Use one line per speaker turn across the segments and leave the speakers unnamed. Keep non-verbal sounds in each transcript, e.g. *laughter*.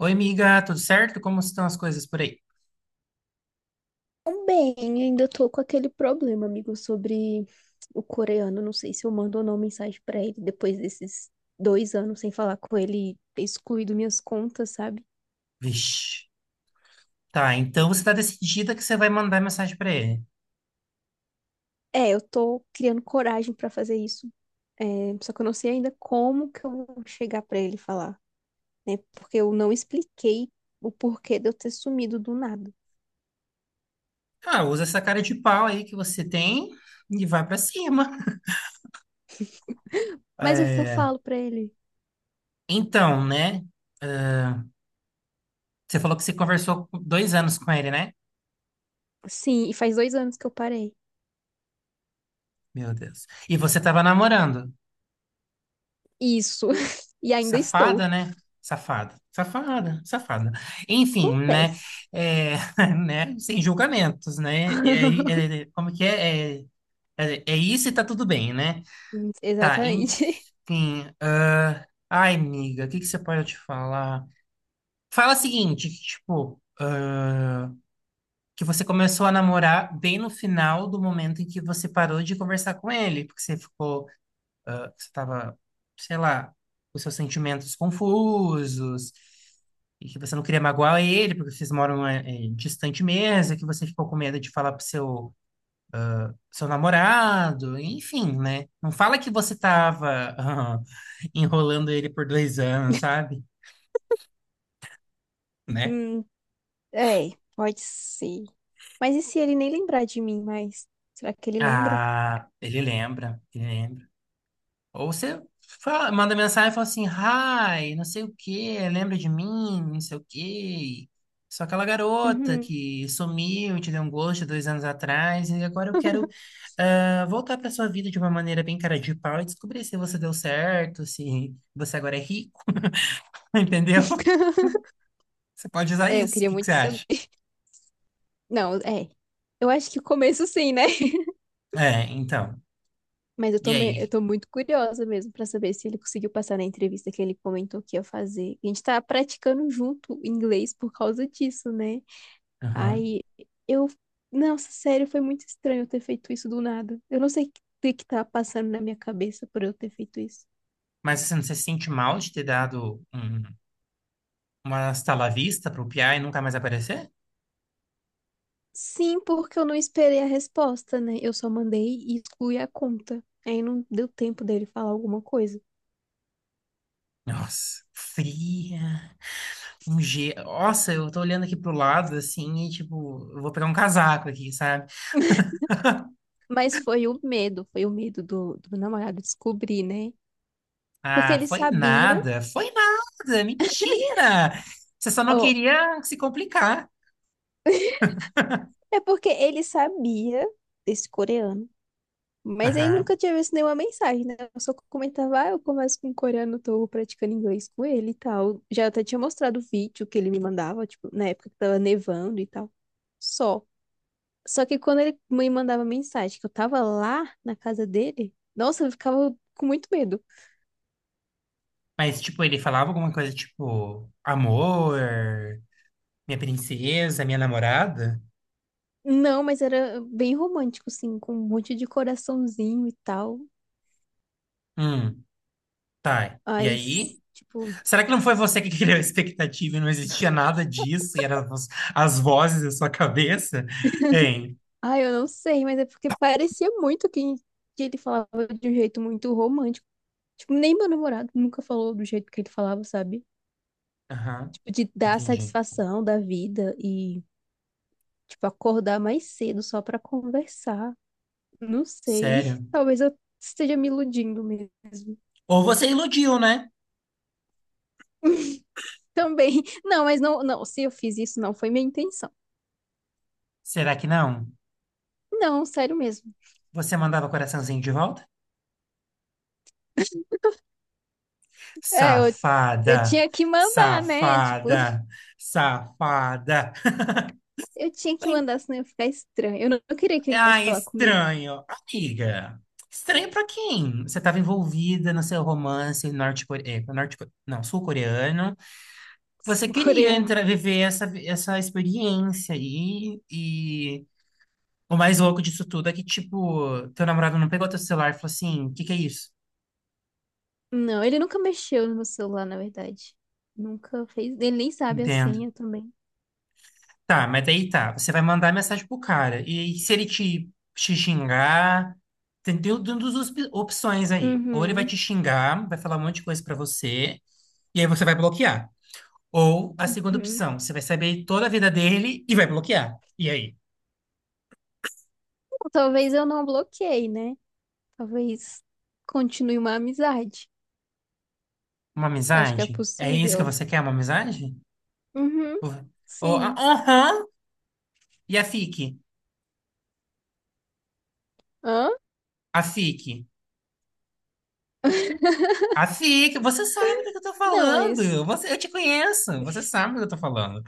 Oi, amiga, tudo certo? Como estão as coisas por aí?
Bem, ainda tô com aquele problema, amigo, sobre o coreano. Não sei se eu mando ou não mensagem pra ele depois desses 2 anos sem falar com ele, e ter excluído minhas contas, sabe?
Vixe. Tá, então você tá decidida que você vai mandar mensagem pra ele.
É, eu tô criando coragem pra fazer isso. É, só que eu não sei ainda como que eu vou chegar pra ele e falar, né? Porque eu não expliquei o porquê de eu ter sumido do nada.
Ah, usa essa cara de pau aí que você tem e vai pra cima. *laughs*
Mas o que que eu
É,
falo pra ele?
então, né? Você falou que você conversou 2 anos com ele, né?
Sim, e faz 2 anos que eu parei.
Meu Deus. E você tava namorando.
Isso. *laughs* E ainda estou.
Safada, né? Safada, safada, safada. Enfim, né?
Acontece.
É, *laughs* né? Sem julgamentos, né? É, como que é? É é, isso e tá tudo bem, né? Tá,
Exatamente.
enfim. Ai, amiga, o que que você pode eu te falar? Fala o seguinte, que, tipo, que você começou a namorar bem no final do momento em que você parou de conversar com ele, porque você ficou, você tava, sei lá, com seus sentimentos confusos, e que você não queria magoar ele, porque vocês moram distante mesmo, e que você ficou com medo de falar pro seu namorado, enfim, né? Não fala que você tava *laughs* enrolando ele por 2 anos, sabe? Né?
Hum, É, pode ser. Mas e se ele nem lembrar de mim mais? Será que ele lembra?
Ah, ele lembra, ele lembra. Ou você manda mensagem e fala assim, hi, não sei o quê, lembra de mim, não sei o quê. Sou aquela garota
Uhum.
que sumiu, te deu um gosto 2 anos atrás, e agora eu quero voltar para sua vida de uma maneira bem cara de pau e descobrir se você deu certo, se você agora é rico, *laughs* entendeu?
*laughs*
Você pode usar
É, eu
isso. O
queria
que que
muito
você
saber.
acha?
*laughs* Não, é. Eu acho que o começo sim, né? *laughs*
É, então.
Mas
E
eu
aí?
tô muito curiosa mesmo pra saber se ele conseguiu passar na entrevista que ele comentou que ia fazer. A gente tá praticando junto inglês por causa disso, né?
Aham.
Aí eu. Nossa, sério, foi muito estranho eu ter feito isso do nada. Eu não sei o que que tá passando na minha cabeça por eu ter feito isso.
Mas você não se sente mal de ter dado uma estalavista la vista pro Piá e nunca mais aparecer?
Sim, porque eu não esperei a resposta, né? Eu só mandei e excluí a conta. Aí não deu tempo dele falar alguma coisa.
Nossa, fria. Um g. Nossa, eu tô olhando aqui pro lado assim e tipo, eu vou pegar um casaco aqui, sabe?
Mas foi o medo do meu namorado descobrir, né? Porque
Ah,
ele sabia,
foi nada, mentira! Você só não
ó,
queria se complicar.
é porque ele sabia desse coreano. Mas ele
Aham.
nunca tinha visto nenhuma mensagem, né? Eu só comentava, ah, eu converso com um coreano, tô praticando inglês com ele e tal. Já até tinha mostrado o vídeo que ele me mandava, tipo, na época que tava nevando e tal. Só. Só que quando ele me mandava mensagem que eu tava lá na casa dele, nossa, eu ficava com muito medo.
Mas, tipo, ele falava alguma coisa tipo, amor, minha princesa, minha namorada?
Não, mas era bem romântico, assim, com um monte de coraçãozinho e tal.
Hum, tá. E
Aí,
aí?
tipo,
Será que não foi você que *laughs* criou a expectativa e não existia nada disso? E eram as vozes da sua cabeça? Hein?
eu não sei, mas é porque parecia muito que ele falava de um jeito muito romântico. Tipo, nem meu namorado nunca falou do jeito que ele falava, sabe?
Aham,
Tipo, de dar
entendi.
satisfação da vida e, tipo, acordar mais cedo só pra conversar. Não sei. *laughs*
Sério?
Talvez eu esteja me iludindo mesmo.
Ou você iludiu, né?
Também. *laughs* Não, mas não, não. Se eu fiz isso, não foi minha intenção.
Será que não?
Não, sério mesmo.
Você mandava coraçãozinho de volta?
É, eu
Safada!
tinha que mandar, né? Tipo, *laughs*
Safada! Safada!
eu tinha que mandar, senão ia ficar estranho. Eu não, eu queria que ele
Ah,
viesse falar comigo,
estranho. Amiga, estranho pra quem? Você estava envolvida no seu romance norte-coreano, norte, não, sul-coreano. Você
*laughs* o
queria
coreano.
entrar, viver essa experiência aí, e o mais louco disso tudo é que, tipo, teu namorado não pegou teu celular e falou assim, o que que é isso?
Não, ele nunca mexeu no meu celular, na verdade. Nunca fez. Ele nem sabe a
Entendo.
senha também.
Tá, mas daí tá, você vai mandar mensagem pro cara, e se ele te xingar, tem duas opções aí, ou ele vai
Uhum,
te xingar, vai falar um monte de coisa pra você, e aí você vai bloquear, ou a segunda
uhum.
opção, você vai saber toda a vida dele e vai bloquear, e aí?
Talvez eu não bloqueei, né? Talvez continue uma amizade.
Uma
Acho que é
amizade? É isso que
possível.
você quer, uma amizade?
Uhum,
Oh,
sim.
aham. E a FIC?
Hã?
A FIC. A FIC, você sabe do que eu tô
Não, mas.
falando. Você, eu te conheço. Você sabe do que eu tô falando.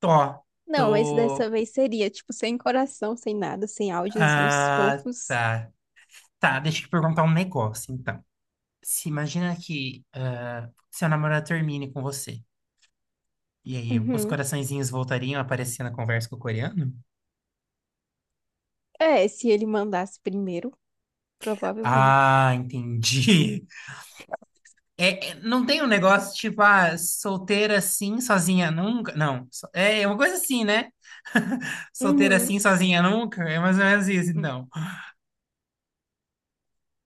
Tô.
Não, mas dessa
Tô.
vez seria, tipo, sem coração, sem nada, sem áudiozinhos
Ah,
fofos.
tá. Tá, deixa eu te perguntar um negócio, então. Se imagina que seu namorado termine com você. E aí, os
Uhum.
coraçõezinhos voltariam a aparecer na conversa com o coreano?
É, se ele mandasse primeiro, provavelmente.
Ah, entendi. É, não tem um negócio tipo, ah, solteira assim, sozinha nunca? Não. É uma coisa assim, né? *laughs* Solteira
Uhum.
assim, sozinha nunca? É mais ou menos isso,
Hum.
então.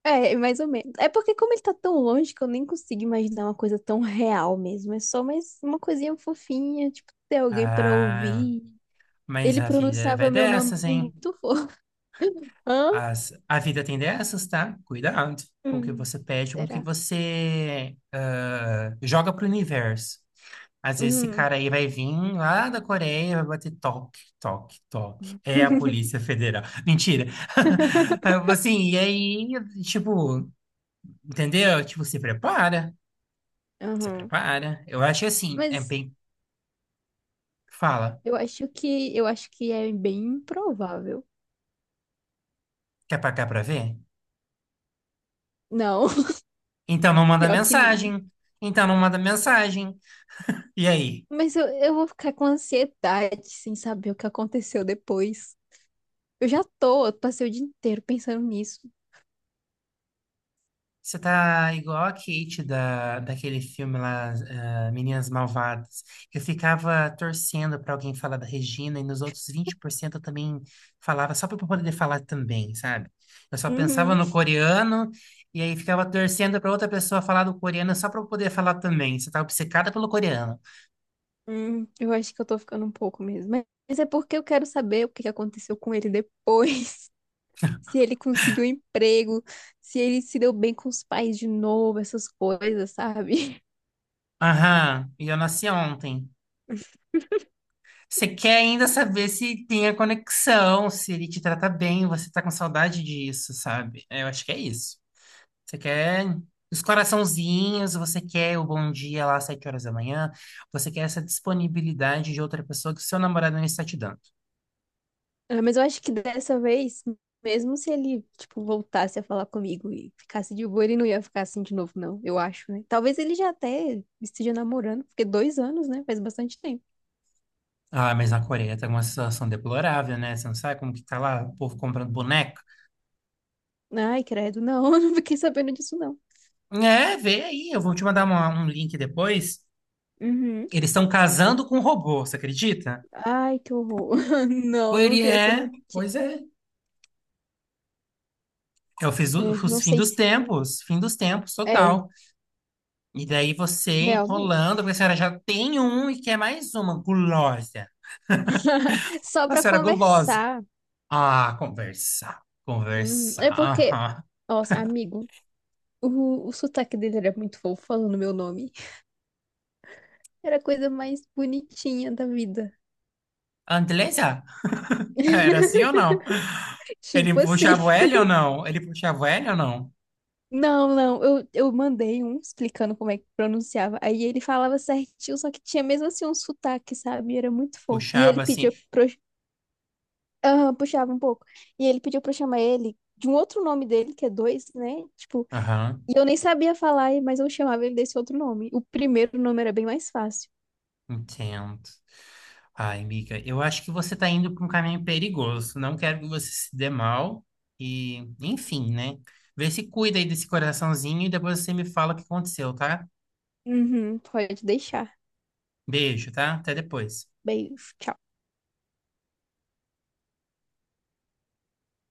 É, mais ou menos. É porque como ele tá tão longe que eu nem consigo imaginar uma coisa tão real mesmo. É só mais uma coisinha fofinha, tipo, ter alguém pra
Ah,
ouvir.
mas
Ele
a vida vai
pronunciava meu nome
dessas, hein?
muito *laughs* fofo. Hã?
A vida tem dessas, tá? Cuidado com o que
Hum.
você pede, com o que
Será?
você joga pro universo. Às vezes esse
Hum.
cara aí vai vir lá da Coreia, vai bater toque, toque, toque. É a
*laughs*
Polícia Federal. *laughs* Mentira. *laughs* Aí eu falo assim, e aí, tipo, entendeu? Tipo, se prepara, se
Uhum.
prepara. Eu acho que assim, é
Mas.
bem, fala,
Eu acho que é bem improvável.
quer pagar pra ver?
Não, *laughs*
Então não manda
pior que não.
mensagem. Então não manda mensagem. E aí?
Mas eu vou ficar com ansiedade sem saber o que aconteceu depois. Eu já tô, eu passei o dia inteiro pensando nisso.
Você tá igual a Kate daquele filme lá, Meninas Malvadas. Eu ficava torcendo pra alguém falar da Regina e nos outros 20% eu também falava só pra eu poder falar também, sabe? Eu só pensava
Uhum.
no coreano e aí ficava torcendo pra outra pessoa falar do coreano só pra eu poder falar também. Você tá obcecada pelo coreano.
Eu acho que eu tô ficando um pouco mesmo. Mas é porque eu quero saber o que que aconteceu com ele depois. *laughs* Se ele conseguiu um emprego, se ele se deu bem com os pais de novo, essas coisas, sabe?
Aham, e eu nasci ontem. Você quer ainda saber se tem a conexão, se ele te trata bem, você tá com saudade disso, sabe? É, eu acho que é isso. Você quer os coraçãozinhos, você quer o bom dia lá às 7 horas da manhã, você quer essa disponibilidade de outra pessoa que o seu namorado não está te dando.
Ah, mas eu acho que dessa vez, mesmo se ele, tipo, voltasse a falar comigo e ficasse de boa, ele não ia ficar assim de novo, não, eu acho, né? Talvez ele já até esteja namorando, porque 2 anos, né? Faz bastante tempo.
Ah, mas na Coreia tá uma situação deplorável, né? Você não sabe como que tá lá o povo comprando boneco?
Ai, credo, não, *laughs* eu não fiquei sabendo disso, não.
É, vê aí, eu vou te mandar um link depois.
Uhum.
Eles estão casando com um robô, você acredita?
Ai, que horror. *laughs* Não,
Pois
não
ele
vi essa
é,
notícia.
pois é. É
É,
os
não sei se.
fim dos tempos,
É,
total. E daí você
realmente.
enrolando, porque a senhora já tem um e quer mais uma gulosa.
*laughs* Só pra
Nossa, era gulosa.
conversar.
Ah, conversar, conversar.
É porque,
Aham.
nossa, amigo, o sotaque dele era muito fofo falando meu nome. Era a coisa mais bonitinha da vida.
Andresa? Era assim ou
*laughs*
não? Ele
Tipo assim.
puxava o L ou não? Ele puxava o L ou não?
Não, não, eu mandei um explicando como é que pronunciava. Aí ele falava certinho, só que tinha mesmo assim um sotaque, sabe? Era muito fofo. E ele
Puxava assim.
pedia pra. Eu- Aham, puxava um pouco. E ele pediu pra eu chamar ele de um outro nome dele, que é dois, né? Tipo,
Aham,
e eu nem sabia falar, mas eu chamava ele desse outro nome. O primeiro nome era bem mais fácil.
entendo. Ai, amiga, eu acho que você tá indo para um caminho perigoso. Não quero que você se dê mal. E, enfim, né? Vê se cuida aí desse coraçãozinho e depois você me fala o que aconteceu, tá?
Uhum, pode deixar.
Beijo, tá? Até depois.
Beijo. Tchau.